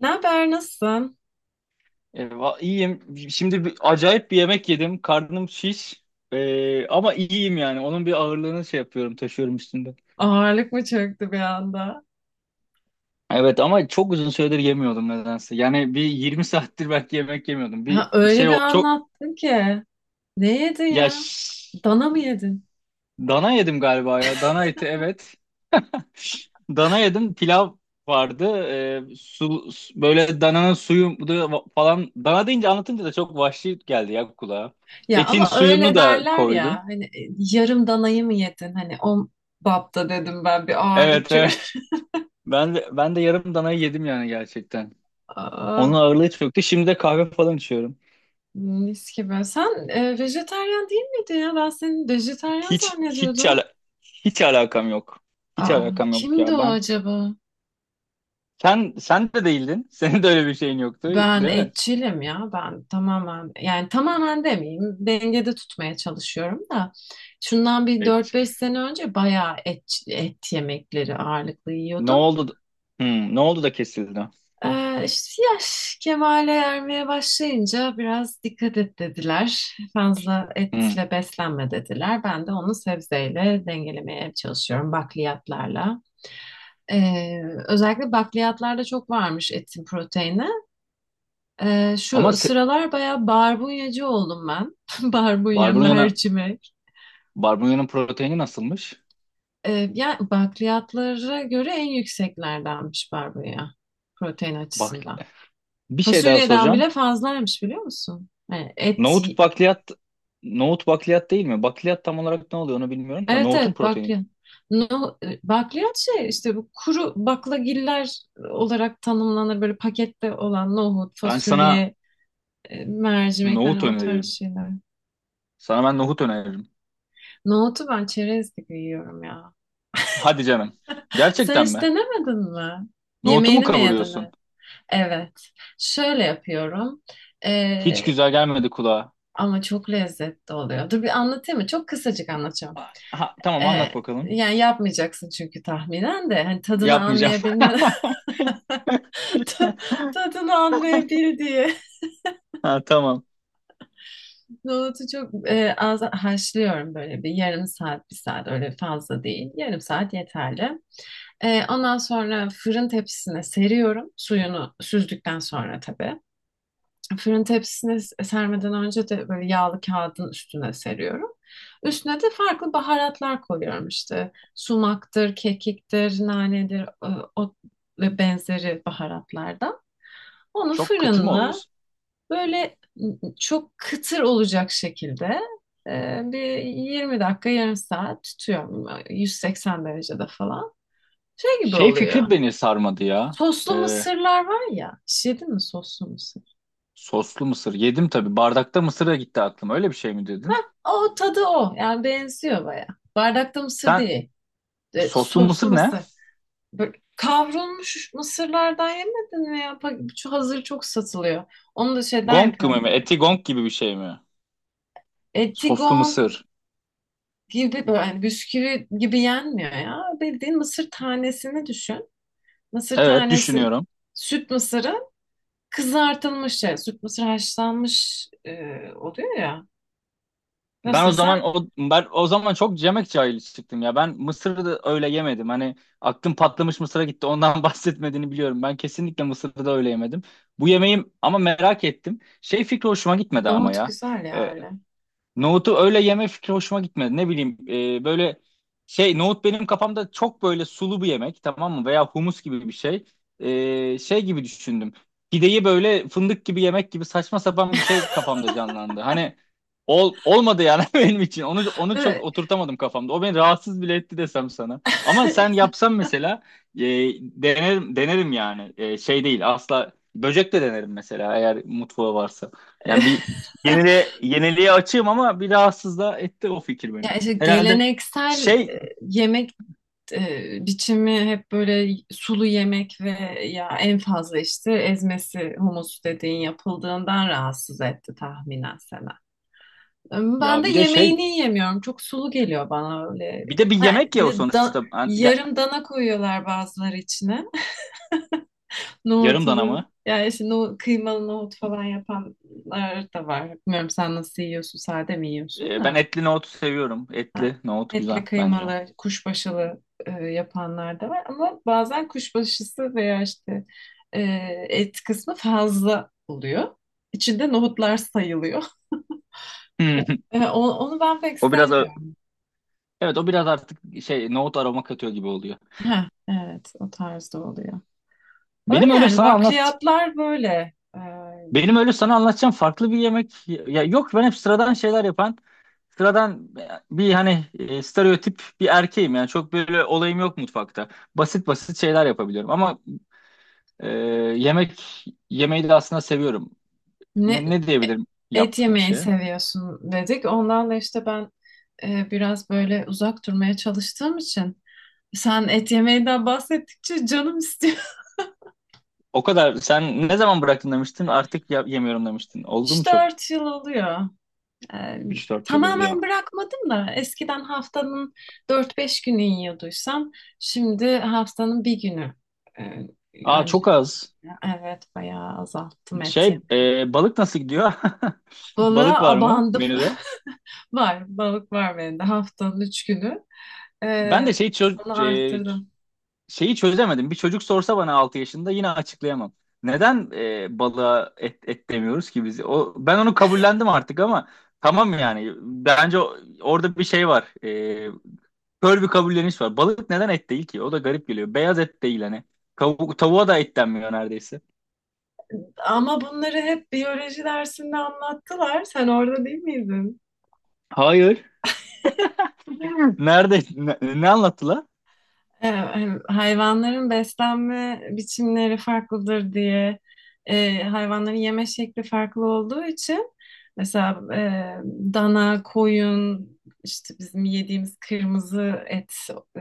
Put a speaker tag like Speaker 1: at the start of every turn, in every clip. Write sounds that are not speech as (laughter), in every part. Speaker 1: Ne haber, nasılsın?
Speaker 2: Eyvah, iyiyim. Şimdi acayip bir yemek yedim. Karnım şiş. Ama iyiyim yani. Onun bir ağırlığını şey yapıyorum, taşıyorum üstünde.
Speaker 1: Ağırlık mı çöktü bir anda?
Speaker 2: Evet ama çok uzun süredir yemiyordum nedense. Yani bir 20 (laughs) saattir belki yemek yemiyordum.
Speaker 1: Ha,
Speaker 2: Bir
Speaker 1: öyle
Speaker 2: şey
Speaker 1: bir
Speaker 2: o çok
Speaker 1: anlattın ki. Ne yedin
Speaker 2: ya
Speaker 1: ya?
Speaker 2: ş-
Speaker 1: Dana mı yedin?
Speaker 2: dana yedim galiba ya. Dana eti evet. (laughs) Dana yedim. Pilav vardı. Böyle dananın suyu falan. Dana deyince anlatınca da çok vahşi geldi ya kulağa.
Speaker 1: Ya
Speaker 2: Etin
Speaker 1: ama
Speaker 2: suyunu
Speaker 1: öyle
Speaker 2: da
Speaker 1: derler ya.
Speaker 2: koydum.
Speaker 1: Hani yarım danayı mı yedin? Hani o bapta dedim ben bir ağırlık
Speaker 2: Evet, evet.
Speaker 1: çöktü.
Speaker 2: Ben de yarım danayı yedim yani gerçekten.
Speaker 1: (laughs)
Speaker 2: Onun
Speaker 1: Aa,
Speaker 2: ağırlığı hiç. Şimdi de kahve falan içiyorum.
Speaker 1: mis gibi. Sen vejetaryen değil miydin ya? Ben seni vejetaryen
Speaker 2: Hiç hiç
Speaker 1: zannediyordum.
Speaker 2: ala- hiç alakam yok. Hiç
Speaker 1: Aa,
Speaker 2: alakam yok
Speaker 1: kimdi
Speaker 2: ya.
Speaker 1: o
Speaker 2: Ben
Speaker 1: acaba?
Speaker 2: sen sen de değildin. (laughs) Senin de öyle bir şeyin yoktu,
Speaker 1: Ben
Speaker 2: değil mi?
Speaker 1: etçilim ya. Ben tamamen, yani tamamen demeyeyim. Dengede tutmaya çalışıyorum da. Şundan bir dört
Speaker 2: Evet.
Speaker 1: beş sene önce bayağı et yemekleri ağırlıklı
Speaker 2: Ne
Speaker 1: yiyordum.
Speaker 2: oldu? Ne oldu da kesildi?
Speaker 1: İşte yaş kemale ermeye başlayınca biraz dikkat et dediler. Fazla
Speaker 2: Hmm.
Speaker 1: etle beslenme dediler. Ben de onu sebzeyle dengelemeye çalışıyorum, bakliyatlarla. Ee, Özellikle bakliyatlarda çok varmış etin proteini.
Speaker 2: Ama
Speaker 1: Şu sıralar bayağı barbunyacı oldum ben. (laughs) Barbunya,
Speaker 2: barbunya'nın
Speaker 1: mercimek.
Speaker 2: barbunya'nın proteini nasılmış?
Speaker 1: Yani bakliyatlara göre en yükseklerdenmiş barbunya protein
Speaker 2: Bak
Speaker 1: açısından.
Speaker 2: bir şey daha
Speaker 1: Fasulyeden
Speaker 2: soracağım.
Speaker 1: bile fazlaymış, biliyor musun? Yani et,
Speaker 2: Nohut bakliyat nohut bakliyat değil mi? Bakliyat tam olarak ne oluyor onu bilmiyorum da
Speaker 1: evet
Speaker 2: nohutun
Speaker 1: evet,
Speaker 2: proteini.
Speaker 1: bakliyat. No, bakliyat şey işte, bu kuru baklagiller olarak tanımlanır, böyle pakette olan nohut,
Speaker 2: Ben sana
Speaker 1: fasulye, mercimek,
Speaker 2: nohut
Speaker 1: hani o tarz
Speaker 2: öneririm.
Speaker 1: şeyler.
Speaker 2: Sana ben nohut öneririm.
Speaker 1: Nohutu ben çerez gibi yiyorum ya.
Speaker 2: Hadi canım.
Speaker 1: Sen
Speaker 2: Gerçekten
Speaker 1: hiç
Speaker 2: mi?
Speaker 1: denemedin mi?
Speaker 2: Nohutu mu
Speaker 1: Yemeğini mi yedin
Speaker 2: kavuruyorsun?
Speaker 1: hep? Evet. Şöyle yapıyorum.
Speaker 2: Hiç
Speaker 1: Ee,
Speaker 2: güzel gelmedi kulağa.
Speaker 1: ama çok lezzetli oluyor. Dur, bir anlatayım mı? Çok kısacık anlatacağım.
Speaker 2: Ha,
Speaker 1: Ee,
Speaker 2: tamam anlat bakalım.
Speaker 1: Yani yapmayacaksın çünkü tahminen de. Hani tadını
Speaker 2: Yapmayacağım.
Speaker 1: anlayabilme, (laughs)
Speaker 2: (laughs)
Speaker 1: ta- tadını anlayabil diye.
Speaker 2: Ha, tamam.
Speaker 1: Nohutu çok az haşlıyorum, böyle bir yarım saat, bir saat, öyle fazla değil. Yarım saat yeterli. Ondan sonra fırın tepsisine seriyorum. Suyunu süzdükten sonra tabii. Fırın tepsisine sermeden önce de böyle yağlı kağıdın üstüne seriyorum. Üstüne de farklı baharatlar koyuyorum işte. Sumaktır, kekiktir, nanedir, o ve benzeri baharatlardan. Onu
Speaker 2: Çok kıtır mı
Speaker 1: fırınla
Speaker 2: oluyorsun?
Speaker 1: böyle çok kıtır olacak şekilde bir 20 dakika, yarım saat tutuyorum. 180 derecede falan. Şey gibi
Speaker 2: Şey
Speaker 1: oluyor.
Speaker 2: fikri beni sarmadı ya.
Speaker 1: Soslu
Speaker 2: Ee,
Speaker 1: mısırlar var ya. Hiç yedin mi soslu mısır?
Speaker 2: Soslu mısır. Yedim tabii. Bardakta mısır da gitti aklıma. Öyle bir şey mi dedin?
Speaker 1: O tadı o. Yani benziyor baya. Bardakta mısır
Speaker 2: Sen
Speaker 1: değil. E,
Speaker 2: soslu
Speaker 1: soslu
Speaker 2: mısır ne?
Speaker 1: mısır. Böyle kavrulmuş mısırlardan yemedin mi ya? Şu hazır çok satılıyor. Onu da şeyden
Speaker 2: Gong gibi
Speaker 1: yapıyor.
Speaker 2: mi? Eti gong gibi bir şey mi? Soslu
Speaker 1: Etigon
Speaker 2: mısır.
Speaker 1: gibi, böyle hani bisküvi gibi yenmiyor ya. Bildiğin mısır tanesini düşün. Mısır
Speaker 2: Evet,
Speaker 1: tanesi,
Speaker 2: düşünüyorum.
Speaker 1: süt mısırı kızartılmış şey. Süt mısır haşlanmış oluyor ya. Nasıl
Speaker 2: Ben o zaman
Speaker 1: desem,
Speaker 2: o ben o zaman çok yemek cahili çıktım ya. Ben mısırı da öyle yemedim. Hani aklım patlamış mısıra gitti. Ondan (laughs) bahsetmediğini biliyorum. Ben kesinlikle mısırı da öyle yemedim. Bu yemeğim ama merak ettim. Şey fikri hoşuma gitmedi ama
Speaker 1: nohut
Speaker 2: ya.
Speaker 1: güzel ya
Speaker 2: Ee,
Speaker 1: öyle.
Speaker 2: Nohutu öyle yeme fikri hoşuma gitmedi. Ne bileyim böyle şey nohut benim kafamda çok böyle sulu bir yemek, tamam mı? Veya humus gibi bir şey. Şey gibi düşündüm. Pideyi böyle fındık gibi yemek gibi saçma sapan bir şey kafamda canlandı. Hani olmadı yani (laughs) benim için. Onu çok
Speaker 1: Evet.
Speaker 2: oturtamadım kafamda. O beni rahatsız bile etti desem sana. Ama sen yapsan mesela e, denerim denerim yani. Şey değil, asla, böcek de denerim mesela eğer mutfağı varsa. Yani
Speaker 1: (laughs)
Speaker 2: bir yeniliğe açığım ama bir rahatsız da etti o fikir beni.
Speaker 1: Ya işte
Speaker 2: Herhalde
Speaker 1: geleneksel
Speaker 2: şey
Speaker 1: yemek biçimi hep böyle sulu yemek ve ya en fazla işte ezmesi, humus dediğin, yapıldığından rahatsız etti tahminen Sena. Ben
Speaker 2: ya
Speaker 1: de
Speaker 2: bir de şey
Speaker 1: yemeğini yemiyorum. Çok sulu geliyor bana öyle.
Speaker 2: bir de bir
Speaker 1: Ha,
Speaker 2: yemek
Speaker 1: bir
Speaker 2: ya o
Speaker 1: de
Speaker 2: sonuçta.
Speaker 1: yarım dana koyuyorlar bazıları içine. (laughs)
Speaker 2: Yarım dana
Speaker 1: Nohutudur.
Speaker 2: mı?
Speaker 1: Yani işte kıymalı nohut falan yapanlar da var. Bilmiyorum, sen nasıl yiyorsun? Sade mi yiyorsun
Speaker 2: Ben
Speaker 1: da?
Speaker 2: etli nohut seviyorum.
Speaker 1: Ha,
Speaker 2: Etli nohut güzel
Speaker 1: etli
Speaker 2: bence.
Speaker 1: kıymalı, kuşbaşılı yapanlar da var ama bazen kuşbaşısı veya işte e, et kısmı fazla oluyor. İçinde nohutlar sayılıyor. (laughs) E,
Speaker 2: (laughs)
Speaker 1: onu ben pek
Speaker 2: O biraz a-
Speaker 1: sevmiyorum.
Speaker 2: evet, o biraz artık şey nohut aroma katıyor gibi oluyor.
Speaker 1: Ha evet, o tarzda oluyor.
Speaker 2: Benim
Speaker 1: Öyle
Speaker 2: öyle
Speaker 1: yani,
Speaker 2: sana anlat
Speaker 1: bakliyatlar böyle. E,
Speaker 2: Benim öyle sana anlatacağım farklı bir yemek ya yok, ben hep sıradan şeyler yapan sıradan bir hani stereotip bir erkeğim yani, çok böyle olayım yok mutfakta. Basit basit şeyler yapabiliyorum ama Ee, yemek yemeği de aslında seviyorum.
Speaker 1: ne
Speaker 2: Ne diyebilirim
Speaker 1: et
Speaker 2: yaptığım
Speaker 1: yemeyi
Speaker 2: şeye?
Speaker 1: seviyorsun dedik. Ondan da işte ben biraz böyle uzak durmaya çalıştığım için sen et yemeğinden bahsettikçe canım istiyor.
Speaker 2: O kadar. Sen ne zaman bıraktın demiştin? Artık yemiyorum demiştin. Oldu mu çok?
Speaker 1: 3-4 yıl oluyor. Ee,
Speaker 2: 3-4 yıl oluyor.
Speaker 1: Tamamen bırakmadım da eskiden haftanın 4-5 günü yiyorduysam şimdi haftanın bir günü e,
Speaker 2: Aa,
Speaker 1: önce.
Speaker 2: çok az.
Speaker 1: Evet, bayağı azalttım et yemeyi.
Speaker 2: Balık nasıl gidiyor? (laughs) Balık
Speaker 1: Balığa
Speaker 2: var mı
Speaker 1: abandım.
Speaker 2: menüde?
Speaker 1: (laughs) Var, balık var bende haftanın 3 günü.
Speaker 2: Ben
Speaker 1: Ee,
Speaker 2: de
Speaker 1: Onu
Speaker 2: e,
Speaker 1: arttırdım.
Speaker 2: şeyi çözemedim. Bir çocuk sorsa bana 6 yaşında yine açıklayamam. Neden balığa et demiyoruz ki biz? O, ben onu kabullendim artık ama tamam yani. Bence orada bir şey var. Kör bir kabulleniş var. Balık neden et değil ki? O da garip geliyor. Beyaz et değil hani. Tavuğa da et denmiyor neredeyse.
Speaker 1: Ama bunları hep biyoloji dersinde anlattılar. Sen orada değil miydin?
Speaker 2: Hayır. Nerede? Ne anlattılar?
Speaker 1: E, hem hayvanların beslenme biçimleri farklıdır diye, hayvanların yeme şekli farklı olduğu için, mesela dana, koyun, işte bizim yediğimiz kırmızı et e,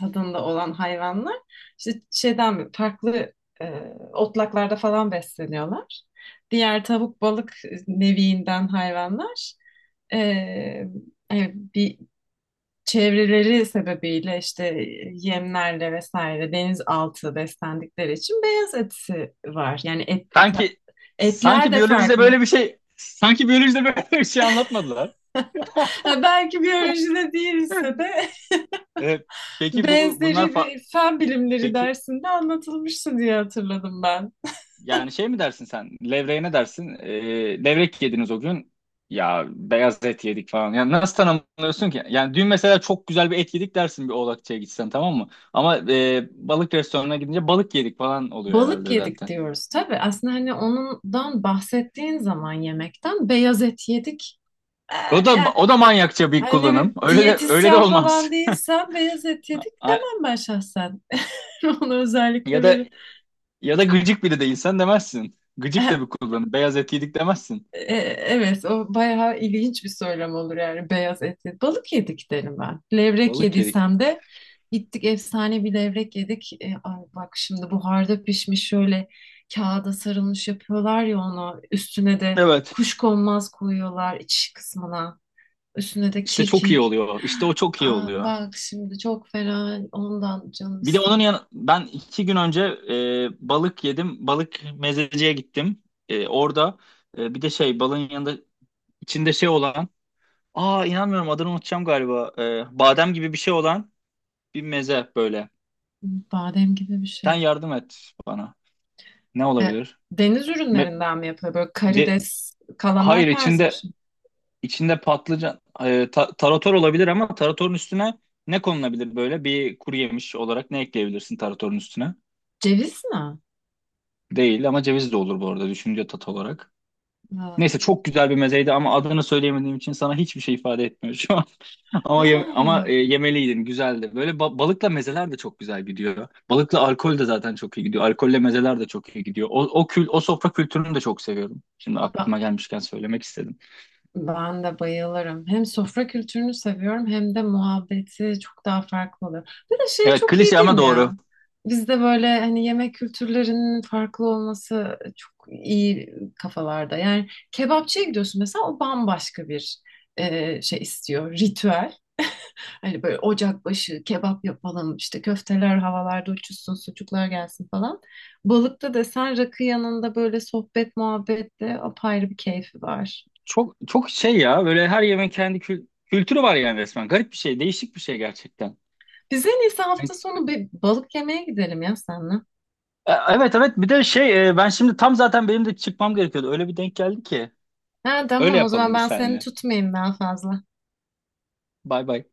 Speaker 1: tadında olan hayvanlar işte şeyden farklı, e, otlaklarda falan besleniyorlar. Diğer tavuk, balık neviinden hayvanlar e, bir çevreleri sebebiyle işte yemlerle vesaire, denizaltı beslendikleri için beyaz etisi var. Yani et,
Speaker 2: Sanki
Speaker 1: etler
Speaker 2: sanki
Speaker 1: de
Speaker 2: biyolojide
Speaker 1: farklı.
Speaker 2: böyle bir şey, sanki biyolojide (laughs) böyle bir şey anlatmadılar.
Speaker 1: Ha, belki biyolojide değilse de
Speaker 2: Ee,
Speaker 1: (laughs)
Speaker 2: peki bu bunlar
Speaker 1: benzeri
Speaker 2: fa-
Speaker 1: bir fen bilimleri
Speaker 2: peki
Speaker 1: dersinde anlatılmıştı diye hatırladım ben.
Speaker 2: Yani şey mi dersin sen? Levreye ne dersin? Levrek yediniz o gün. Ya beyaz et yedik falan. Yani nasıl tanımlıyorsun ki? Yani dün mesela çok güzel bir et yedik dersin bir Oğlakçı'ya gitsen, tamam mı? Ama balık restoranına gidince balık yedik falan oluyor
Speaker 1: Balık
Speaker 2: herhalde
Speaker 1: yedik
Speaker 2: zaten.
Speaker 1: diyoruz tabii. Aslında hani ondan bahsettiğin zaman yemekten, beyaz et yedik. Ee,
Speaker 2: O da
Speaker 1: Yani
Speaker 2: o da manyakça bir
Speaker 1: hani ne
Speaker 2: kullanım.
Speaker 1: bileyim,
Speaker 2: Öyle de
Speaker 1: diyetisyen
Speaker 2: olmaz.
Speaker 1: falan değilsem beyaz et
Speaker 2: (laughs)
Speaker 1: yedik
Speaker 2: A-
Speaker 1: demem ben şahsen. (laughs) Onu özellikle
Speaker 2: Ya da
Speaker 1: böyle.
Speaker 2: ya da gıcık biri değilsen demezsin. Gıcık da bir
Speaker 1: (laughs)
Speaker 2: kullanım. Beyaz et yedik demezsin.
Speaker 1: E, evet, o bayağı ilginç bir söylem olur, yani beyaz et yedik. Balık yedik derim ben. Levrek
Speaker 2: Balık yedik.
Speaker 1: yediysem de gittik efsane bir levrek yedik. E, ay bak şimdi buharda pişmiş şöyle kağıda sarılmış yapıyorlar ya onu. Üstüne de
Speaker 2: Evet.
Speaker 1: kuşkonmaz koyuyorlar iç kısmına. Üstüne de
Speaker 2: İşte çok iyi
Speaker 1: kekik.
Speaker 2: oluyor. İşte o çok iyi
Speaker 1: Aa,
Speaker 2: oluyor.
Speaker 1: bak şimdi çok fena ondan canım
Speaker 2: Bir de onun
Speaker 1: istedi.
Speaker 2: yan ben 2 gün önce balık yedim. Balık mezeciye gittim. Orada bir de şey balığın yanında içinde şey olan. Aa, inanmıyorum, adını unutacağım galiba. Badem gibi bir şey olan bir meze böyle.
Speaker 1: Badem gibi bir
Speaker 2: Sen
Speaker 1: şey.
Speaker 2: yardım et bana. Ne
Speaker 1: E,
Speaker 2: olabilir?
Speaker 1: deniz
Speaker 2: Me-
Speaker 1: ürünlerinden mi yapıyor? Böyle
Speaker 2: de,
Speaker 1: karides,
Speaker 2: hayır,
Speaker 1: kalamar tarzı bir
Speaker 2: içinde
Speaker 1: şey.
Speaker 2: içinde patlıcan tarator olabilir ama taratorun üstüne ne konulabilir böyle? Bir kuru yemiş olarak ne ekleyebilirsin taratorun üstüne?
Speaker 1: Ceviz mi?
Speaker 2: Değil ama ceviz de olur bu arada, düşünce tat olarak.
Speaker 1: Ha.
Speaker 2: Neyse, çok güzel bir mezeydi ama adını söyleyemediğim için sana hiçbir şey ifade etmiyor şu an. (laughs) Ama yem- ama
Speaker 1: Aa,
Speaker 2: e, yemeliydin, güzeldi. Böyle balıkla mezeler de çok güzel gidiyor. Balıkla alkol de zaten çok iyi gidiyor. Alkolle mezeler de çok iyi gidiyor. O sofra kültürünü de çok seviyorum. Şimdi
Speaker 1: ba-
Speaker 2: aklıma gelmişken söylemek istedim.
Speaker 1: ben de bayılırım. Hem sofra kültürünü seviyorum hem de muhabbeti çok daha farklı oluyor. Bir de şey
Speaker 2: Evet,
Speaker 1: çok iyi
Speaker 2: klişe
Speaker 1: değil
Speaker 2: ama
Speaker 1: mi ya?
Speaker 2: doğru.
Speaker 1: Bizde böyle hani yemek kültürlerinin farklı olması çok iyi kafalarda. Yani kebapçıya gidiyorsun mesela, o bambaşka bir şey istiyor, ritüel. Hani böyle ocak başı kebap yapalım, işte köfteler havalarda uçuşsun, sucuklar gelsin falan. Balıkta desen rakı yanında böyle sohbet muhabbette apayrı bir keyfi var.
Speaker 2: Çok çok şey ya, böyle her yemeğin kendi kültürü var yani, resmen. Garip bir şey, değişik bir şey gerçekten.
Speaker 1: Bize en iyisi hafta
Speaker 2: Evet.
Speaker 1: sonu bir balık yemeye gidelim ya seninle.
Speaker 2: Evet, evet. bir de şey e, ben şimdi tam zaten benim de çıkmam gerekiyordu. Öyle bir denk geldi ki.
Speaker 1: Ha
Speaker 2: Öyle
Speaker 1: tamam, o
Speaker 2: yapalım
Speaker 1: zaman
Speaker 2: biz
Speaker 1: ben seni
Speaker 2: seninle.
Speaker 1: tutmayayım daha fazla.
Speaker 2: Bay bay.